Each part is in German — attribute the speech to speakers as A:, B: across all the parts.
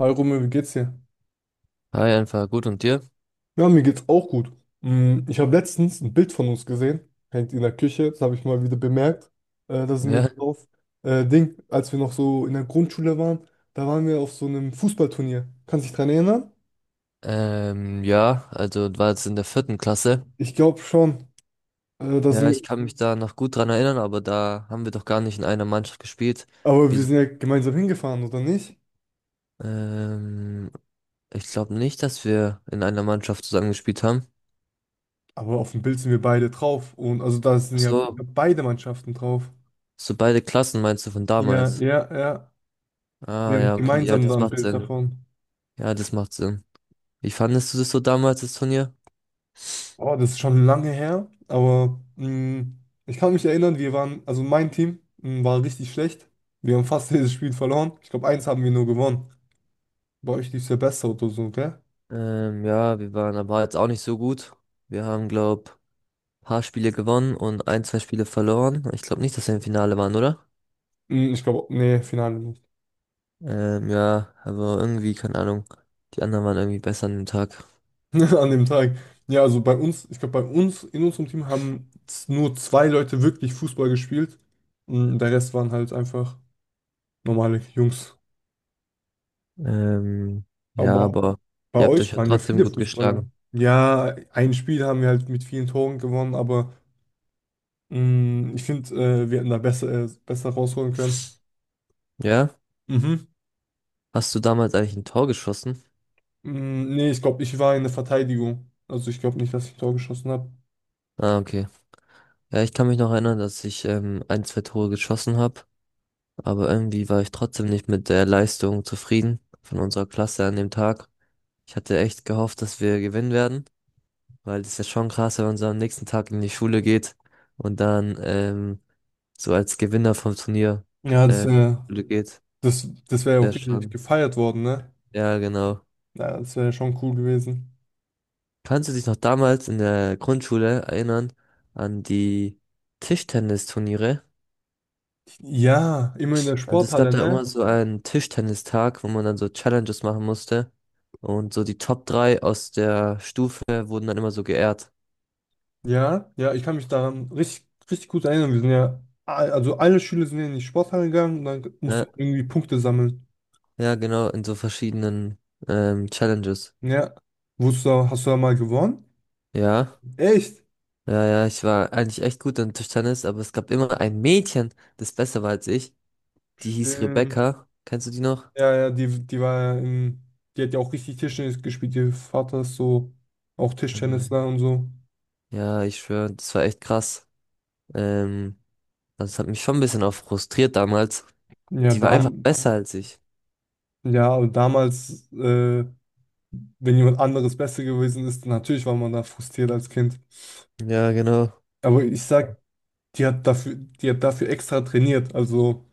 A: Hi Romeo, wie geht's dir?
B: Hi, einfach gut und dir?
A: Ja, mir geht's auch gut. Ich habe letztens ein Bild von uns gesehen, hängt in der Küche, das habe ich mal wieder bemerkt. Da sind wir
B: Ja,
A: drauf. Ding, als wir noch so in der Grundschule waren, da waren wir auf so einem Fußballturnier. Kannst du dich dran erinnern?
B: ja, also war jetzt in der vierten Klasse.
A: Ich glaube schon. Da
B: Ja,
A: sind wir,
B: ich kann mich da noch gut dran erinnern, aber da haben wir doch gar nicht in einer Mannschaft gespielt.
A: aber wir
B: Wieso?
A: sind ja gemeinsam hingefahren, oder nicht?
B: Ähm, ich glaube nicht, dass wir in einer Mannschaft zusammen gespielt haben.
A: Aber auf dem Bild sind wir beide drauf. Und also da
B: Ach
A: sind ja
B: so,
A: beide Mannschaften drauf.
B: so beide Klassen meinst du von
A: Ja,
B: damals?
A: ja, ja. Wir
B: Ah,
A: haben
B: ja, okay, ja,
A: gemeinsam da
B: das
A: ein
B: macht
A: Bild
B: Sinn.
A: davon.
B: Ja, das macht Sinn. Wie fandest du das so damals, das Turnier?
A: Oh, das ist schon lange her, aber ich kann mich erinnern, wir waren, also mein Team war richtig schlecht. Wir haben fast jedes Spiel verloren. Ich glaube, eins haben wir nur gewonnen. Bei euch lief es ja besser oder so, gell?
B: Ja, wir waren aber jetzt auch nicht so gut. Wir haben, glaube, paar Spiele gewonnen und ein, zwei Spiele verloren. Ich glaube nicht, dass wir im Finale waren, oder?
A: Mh, ich glaube, nee, Finale nicht.
B: Ja, aber irgendwie, keine Ahnung. Die anderen waren irgendwie besser an dem Tag.
A: An dem Tag. Ja, also bei uns, ich glaube, bei uns, in unserem Team haben nur zwei Leute wirklich Fußball gespielt. Der Rest waren halt einfach normale Jungs.
B: Ähm, ja,
A: Aber
B: aber
A: bei
B: ihr habt euch
A: euch
B: ja
A: waren ja
B: trotzdem
A: viele
B: gut
A: Fußballer.
B: geschlagen.
A: Ja, ein Spiel haben wir halt mit vielen Toren gewonnen, aber. Ich finde, wir hätten da besser, besser rausholen können.
B: Ja?
A: Mhm.
B: Hast du damals eigentlich ein Tor geschossen?
A: Nee, ich glaube, ich war in der Verteidigung. Also ich glaube nicht, dass ich ein Tor geschossen habe.
B: Ah, okay. Ja, ich kann mich noch erinnern, dass ich ein, zwei Tore geschossen habe, aber irgendwie war ich trotzdem nicht mit der Leistung zufrieden von unserer Klasse an dem Tag. Ich hatte echt gehofft, dass wir gewinnen werden, weil das ist ja schon krass, wenn man so am nächsten Tag in die Schule geht und dann so als Gewinner vom Turnier
A: Ja,
B: ähm, Schule geht.
A: das, das wäre ja
B: Wäre
A: auch richtig
B: schon.
A: gefeiert worden, ne?
B: Ja, genau.
A: Ja, das wäre ja schon cool gewesen.
B: Kannst du dich noch damals in der Grundschule erinnern an die Tischtennisturniere?
A: Ja, immer in der
B: Also es gab
A: Sporthalle,
B: da immer
A: ne?
B: so einen Tischtennistag, wo man dann so Challenges machen musste. Und so die Top 3 aus der Stufe wurden dann immer so geehrt.
A: Ja, ja, ich kann mich daran richtig, richtig gut erinnern. Wir sind ja, also alle Schüler sind ja in die Sporthalle gegangen und dann musst du
B: Ja,
A: irgendwie Punkte sammeln.
B: ja, genau, in so verschiedenen Challenges.
A: Ja. Wusstest du, hast du da mal gewonnen?
B: Ja.
A: Echt?
B: Ja, ja, ich war eigentlich echt gut an Tischtennis, aber es gab immer ein Mädchen, das besser war als ich. Die hieß
A: Stimmt.
B: Rebecca. Kennst du die noch?
A: Ja, ja, die war ja in, die hat ja auch richtig Tischtennis gespielt. Ihr Vater ist so auch
B: Mhm.
A: Tischtennisler und so.
B: Ja, ich schwöre, das war echt krass. Ähm, das hat mich schon ein bisschen auch frustriert damals.
A: Ja, ja.
B: Die war einfach besser als ich.
A: Ja, aber damals, wenn jemand anderes besser gewesen ist, natürlich war man da frustriert als Kind.
B: Ja, genau.
A: Aber ich sag, die hat dafür extra trainiert, also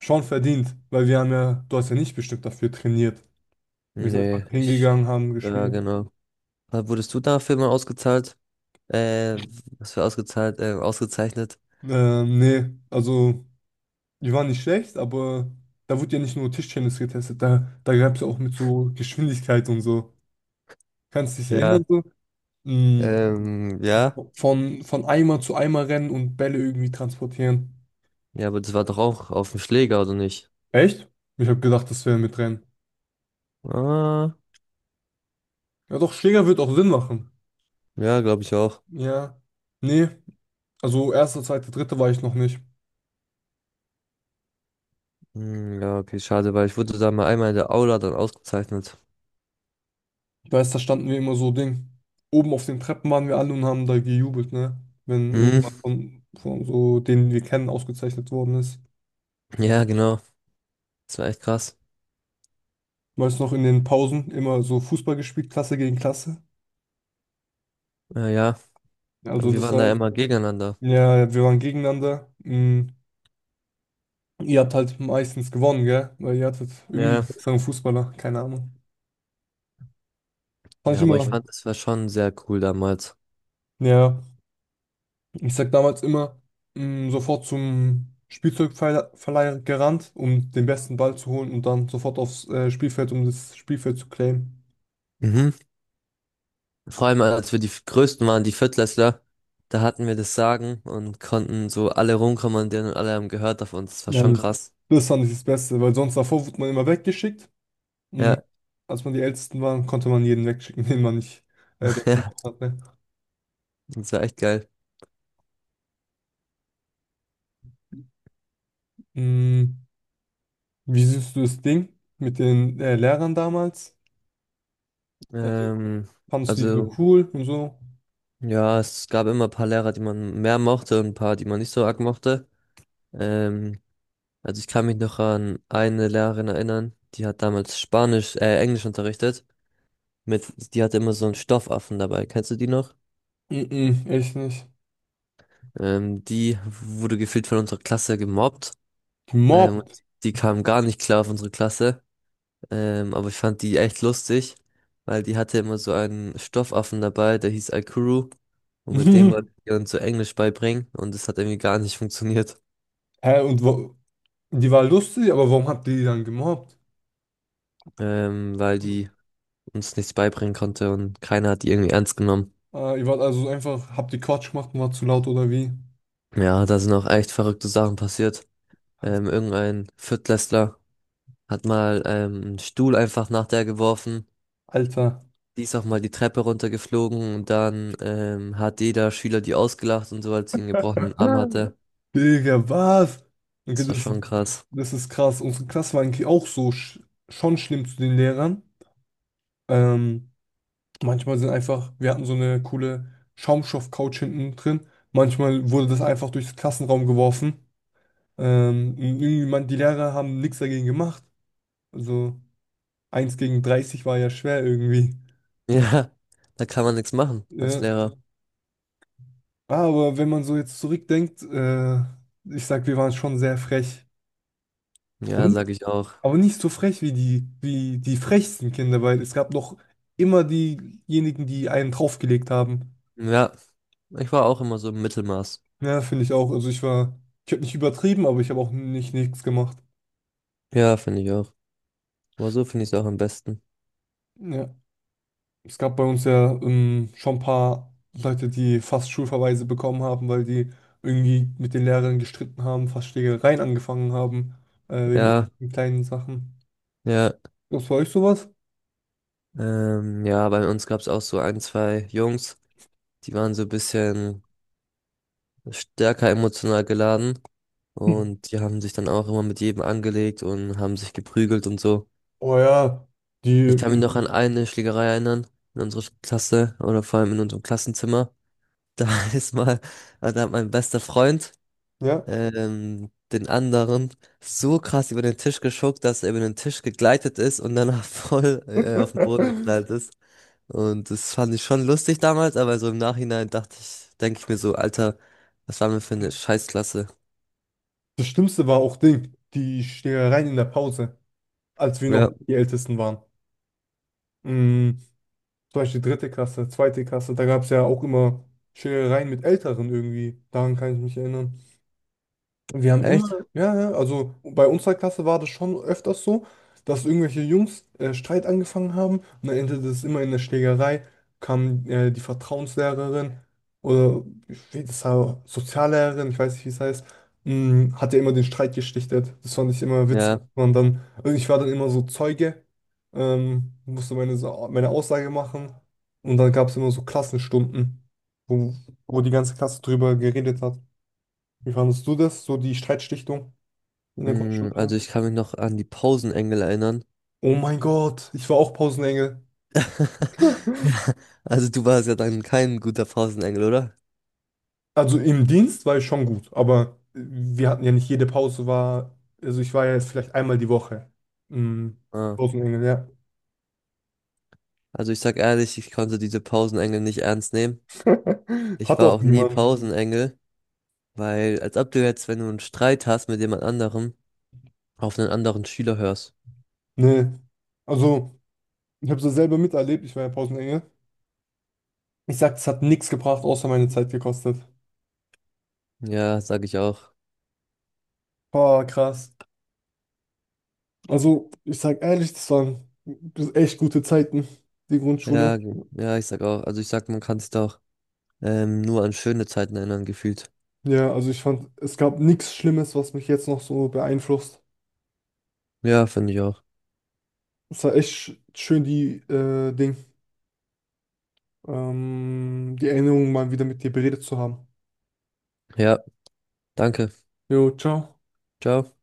A: schon verdient, weil wir haben ja, du hast ja nicht bestimmt dafür trainiert. Wir sind einfach
B: Nee, ich,
A: hingegangen, haben
B: ja,
A: gespielt.
B: genau. Wurdest du dafür mal ausgezahlt? Äh, was für ausgezahlt, ausgezeichnet?
A: Nee, also. Die waren nicht schlecht, aber da wurde ja nicht nur Tischtennis getestet, da gab es ja auch mit so Geschwindigkeit und so. Kannst du dich
B: Ja.
A: erinnern, so? Mm,
B: Ja.
A: Von Eimer zu Eimer rennen und Bälle irgendwie transportieren.
B: Ja, aber das war doch auch auf dem Schläger, oder nicht?
A: Echt? Ich habe gedacht, das wäre mit Rennen.
B: Ah,
A: Ja, doch, Schläger wird auch Sinn machen.
B: ja, glaube ich auch.
A: Ja. Nee, also erste, zweite, dritte war ich noch nicht.
B: Hm, ja, okay, schade, weil ich wurde da mal einmal in der Aula dann ausgezeichnet.
A: Ich weiß, da standen wir immer so Ding. Oben auf den Treppen waren wir alle und haben da gejubelt, ne? Wenn
B: Hm,
A: irgendjemand von so denen wir kennen ausgezeichnet worden ist.
B: ja, genau. Das war echt krass.
A: Meist noch in den Pausen immer so Fußball gespielt, Klasse gegen Klasse.
B: Ja, ja,
A: Also
B: wir
A: das mhm
B: waren da
A: war,
B: immer gegeneinander.
A: ja, wir waren gegeneinander. Ihr habt halt meistens gewonnen, gell? Weil ihr hattet
B: Ja,
A: irgendwie einen
B: ja,
A: mhm besseren Fußballer, keine Ahnung. Fand ich
B: ja, aber ich fand, es war schon sehr cool damals.
A: immer, ja, ich sag damals immer, sofort zum Spielzeugverleih gerannt, um den besten Ball zu holen und dann sofort aufs Spielfeld, um das Spielfeld zu claimen.
B: Mhm. Vor allem, als wir die Größten waren, die Viertklässler, da hatten wir das Sagen und konnten so alle rumkommandieren und alle haben gehört auf uns. Das war
A: Ja,
B: schon
A: mhm,
B: krass.
A: das fand ich das Beste, weil sonst davor wurde man immer weggeschickt. Mm,
B: Ja,
A: Als man die Ältesten war, konnte man jeden wegschicken, den man nicht dort
B: ja,
A: gemacht hat. Ne?
B: das war echt geil.
A: Mm, Wie siehst du das Ding mit den Lehrern damals? Also,
B: Ähm,
A: fandest du die so
B: also,
A: ja cool und so?
B: ja, es gab immer ein paar Lehrer, die man mehr mochte und ein paar, die man nicht so arg mochte. Ähm, Also ich kann mich noch an eine Lehrerin erinnern, die hat damals Spanisch, Englisch unterrichtet. Mit, die hatte immer so einen Stoffaffen dabei. Kennst du die noch?
A: Mm-mm, echt nicht.
B: Die wurde gefühlt von unserer Klasse gemobbt.
A: Gemobbt.
B: Und die kam gar nicht klar auf unsere Klasse. Aber ich fand die echt lustig, weil die hatte immer so einen Stoffaffen dabei, der hieß Aikuru. Und mit dem
A: Hä,
B: wollte ich ihr uns so Englisch beibringen. Und es hat irgendwie gar nicht funktioniert,
A: und wo, die war lustig, aber warum habt ihr die dann gemobbt?
B: weil die uns nichts beibringen konnte und keiner hat die irgendwie ernst genommen.
A: Ihr wart also einfach, habt ihr Quatsch gemacht und war zu laut oder wie?
B: Ja, da sind auch echt verrückte Sachen passiert.
A: Hat-
B: Irgendein Viertklässler hat mal einen Stuhl einfach nach der geworfen.
A: Alter.
B: Die ist auch mal die Treppe runtergeflogen und dann hat jeder Schüler die ausgelacht und so, als sie einen gebrochenen Arm hatte.
A: Digga, was? Okay,
B: Das war
A: das,
B: schon krass.
A: das ist krass. Unsere Klasse war eigentlich auch so schon schlimm zu den Lehrern. Ähm, manchmal sind einfach, wir hatten so eine coole Schaumstoff-Couch hinten drin. Manchmal wurde das einfach durchs Klassenraum geworfen. Und irgendwie, man, die Lehrer haben nichts dagegen gemacht. Also eins gegen 30 war ja schwer irgendwie.
B: Ja, da kann man nichts machen als
A: Ja.
B: Lehrer.
A: Aber wenn man so jetzt zurückdenkt, ich sag, wir waren schon sehr frech. Aber,
B: Ja,
A: ni-
B: sag ich auch.
A: aber nicht so frech wie wie die frechsten Kinder, weil es gab noch immer diejenigen, die einen draufgelegt haben.
B: Ja, ich war auch immer so im Mittelmaß.
A: Ja, finde ich auch. Also ich war, ich habe nicht übertrieben, aber ich habe auch nicht nichts gemacht.
B: Ja, finde ich auch. Aber so finde ich es auch am besten.
A: Ja. Es gab bei uns ja schon ein paar Leute, die fast Schulverweise bekommen haben, weil die irgendwie mit den Lehrern gestritten haben, fast Schlägereien angefangen haben, wegen
B: Ja,
A: irgendwelchen kleinen Sachen.
B: ja.
A: Was bei euch sowas?
B: Ja, bei uns gab es auch so ein, zwei Jungs, die waren so ein bisschen stärker emotional geladen
A: Hm.
B: und die haben sich dann auch immer mit jedem angelegt und haben sich geprügelt und so.
A: Oh ja,
B: Ich
A: die,
B: kann mich
A: hm,
B: noch an eine Schlägerei erinnern in unserer Klasse oder vor allem in unserem Klassenzimmer. Da ist mal, also da hat mein bester Freund
A: ja.
B: den anderen so krass über den Tisch geschuckt, dass er über den Tisch gegleitet ist und danach voll auf den Boden geknallt ist. Und das fand ich schon lustig damals, aber so im Nachhinein dachte ich, denke ich mir so, Alter, was waren wir für eine Scheißklasse?
A: Das Schlimmste war auch Ding, die Schlägereien in der Pause, als wir noch
B: Ja,
A: nicht die Ältesten waren. Mm, Zum Beispiel dritte Klasse, zweite Klasse, da gab es ja auch immer Schlägereien mit Älteren irgendwie. Daran kann ich mich erinnern. Wir haben immer,
B: echt?
A: ja, ja, also bei unserer Klasse war das schon öfters so, dass irgendwelche Jungs Streit angefangen haben und dann endete es immer in der Schlägerei, kam die Vertrauenslehrerin oder ich weiß, das war Soziallehrerin, ich weiß nicht, wie es heißt, hat ja immer den Streit geschlichtet. Das fand ich immer witzig.
B: Ja,
A: Und dann, also ich war dann immer so Zeuge, musste meine Aussage machen und dann gab es immer so Klassenstunden, wo, wo die ganze Klasse drüber geredet hat. Wie fandest du das, so die Streitschlichtung in der
B: mm, also
A: Grundschule?
B: ich kann mich noch an die Pausenengel erinnern.
A: Oh mein Gott, ich war auch Pausenengel.
B: Ja. Also du warst ja dann kein guter Pausenengel, oder?
A: Also im Dienst war ich schon gut, aber wir hatten ja nicht jede Pause war, also ich war ja jetzt vielleicht einmal die Woche. Mhm.
B: Ah.
A: Pausenengel, ja.
B: Also ich sag ehrlich, ich konnte diese Pausenengel nicht ernst nehmen. Ich
A: Hat
B: war
A: auch
B: auch nie
A: niemand.
B: Pausenengel, weil als ob du jetzt, wenn du einen Streit hast mit jemand anderem, auf einen anderen Schüler hörst.
A: Nee. Also, ich habe es selber miterlebt, ich war ja Pausenengel. Ich sag, es hat nichts gebracht, außer meine Zeit gekostet.
B: Ja, sag ich auch.
A: Boah, krass. Also, ich sag ehrlich, das waren echt gute Zeiten, die Grundschule.
B: Ja, ich sag auch. Also ich sag, man kann sich da auch nur an schöne Zeiten erinnern, gefühlt.
A: Ja, also ich fand, es gab nichts Schlimmes, was mich jetzt noch so beeinflusst.
B: Ja, finde ich auch.
A: Es war echt schön, die Ding, die Erinnerungen mal wieder mit dir beredet zu haben.
B: Ja, danke.
A: Jo, ciao.
B: Ciao.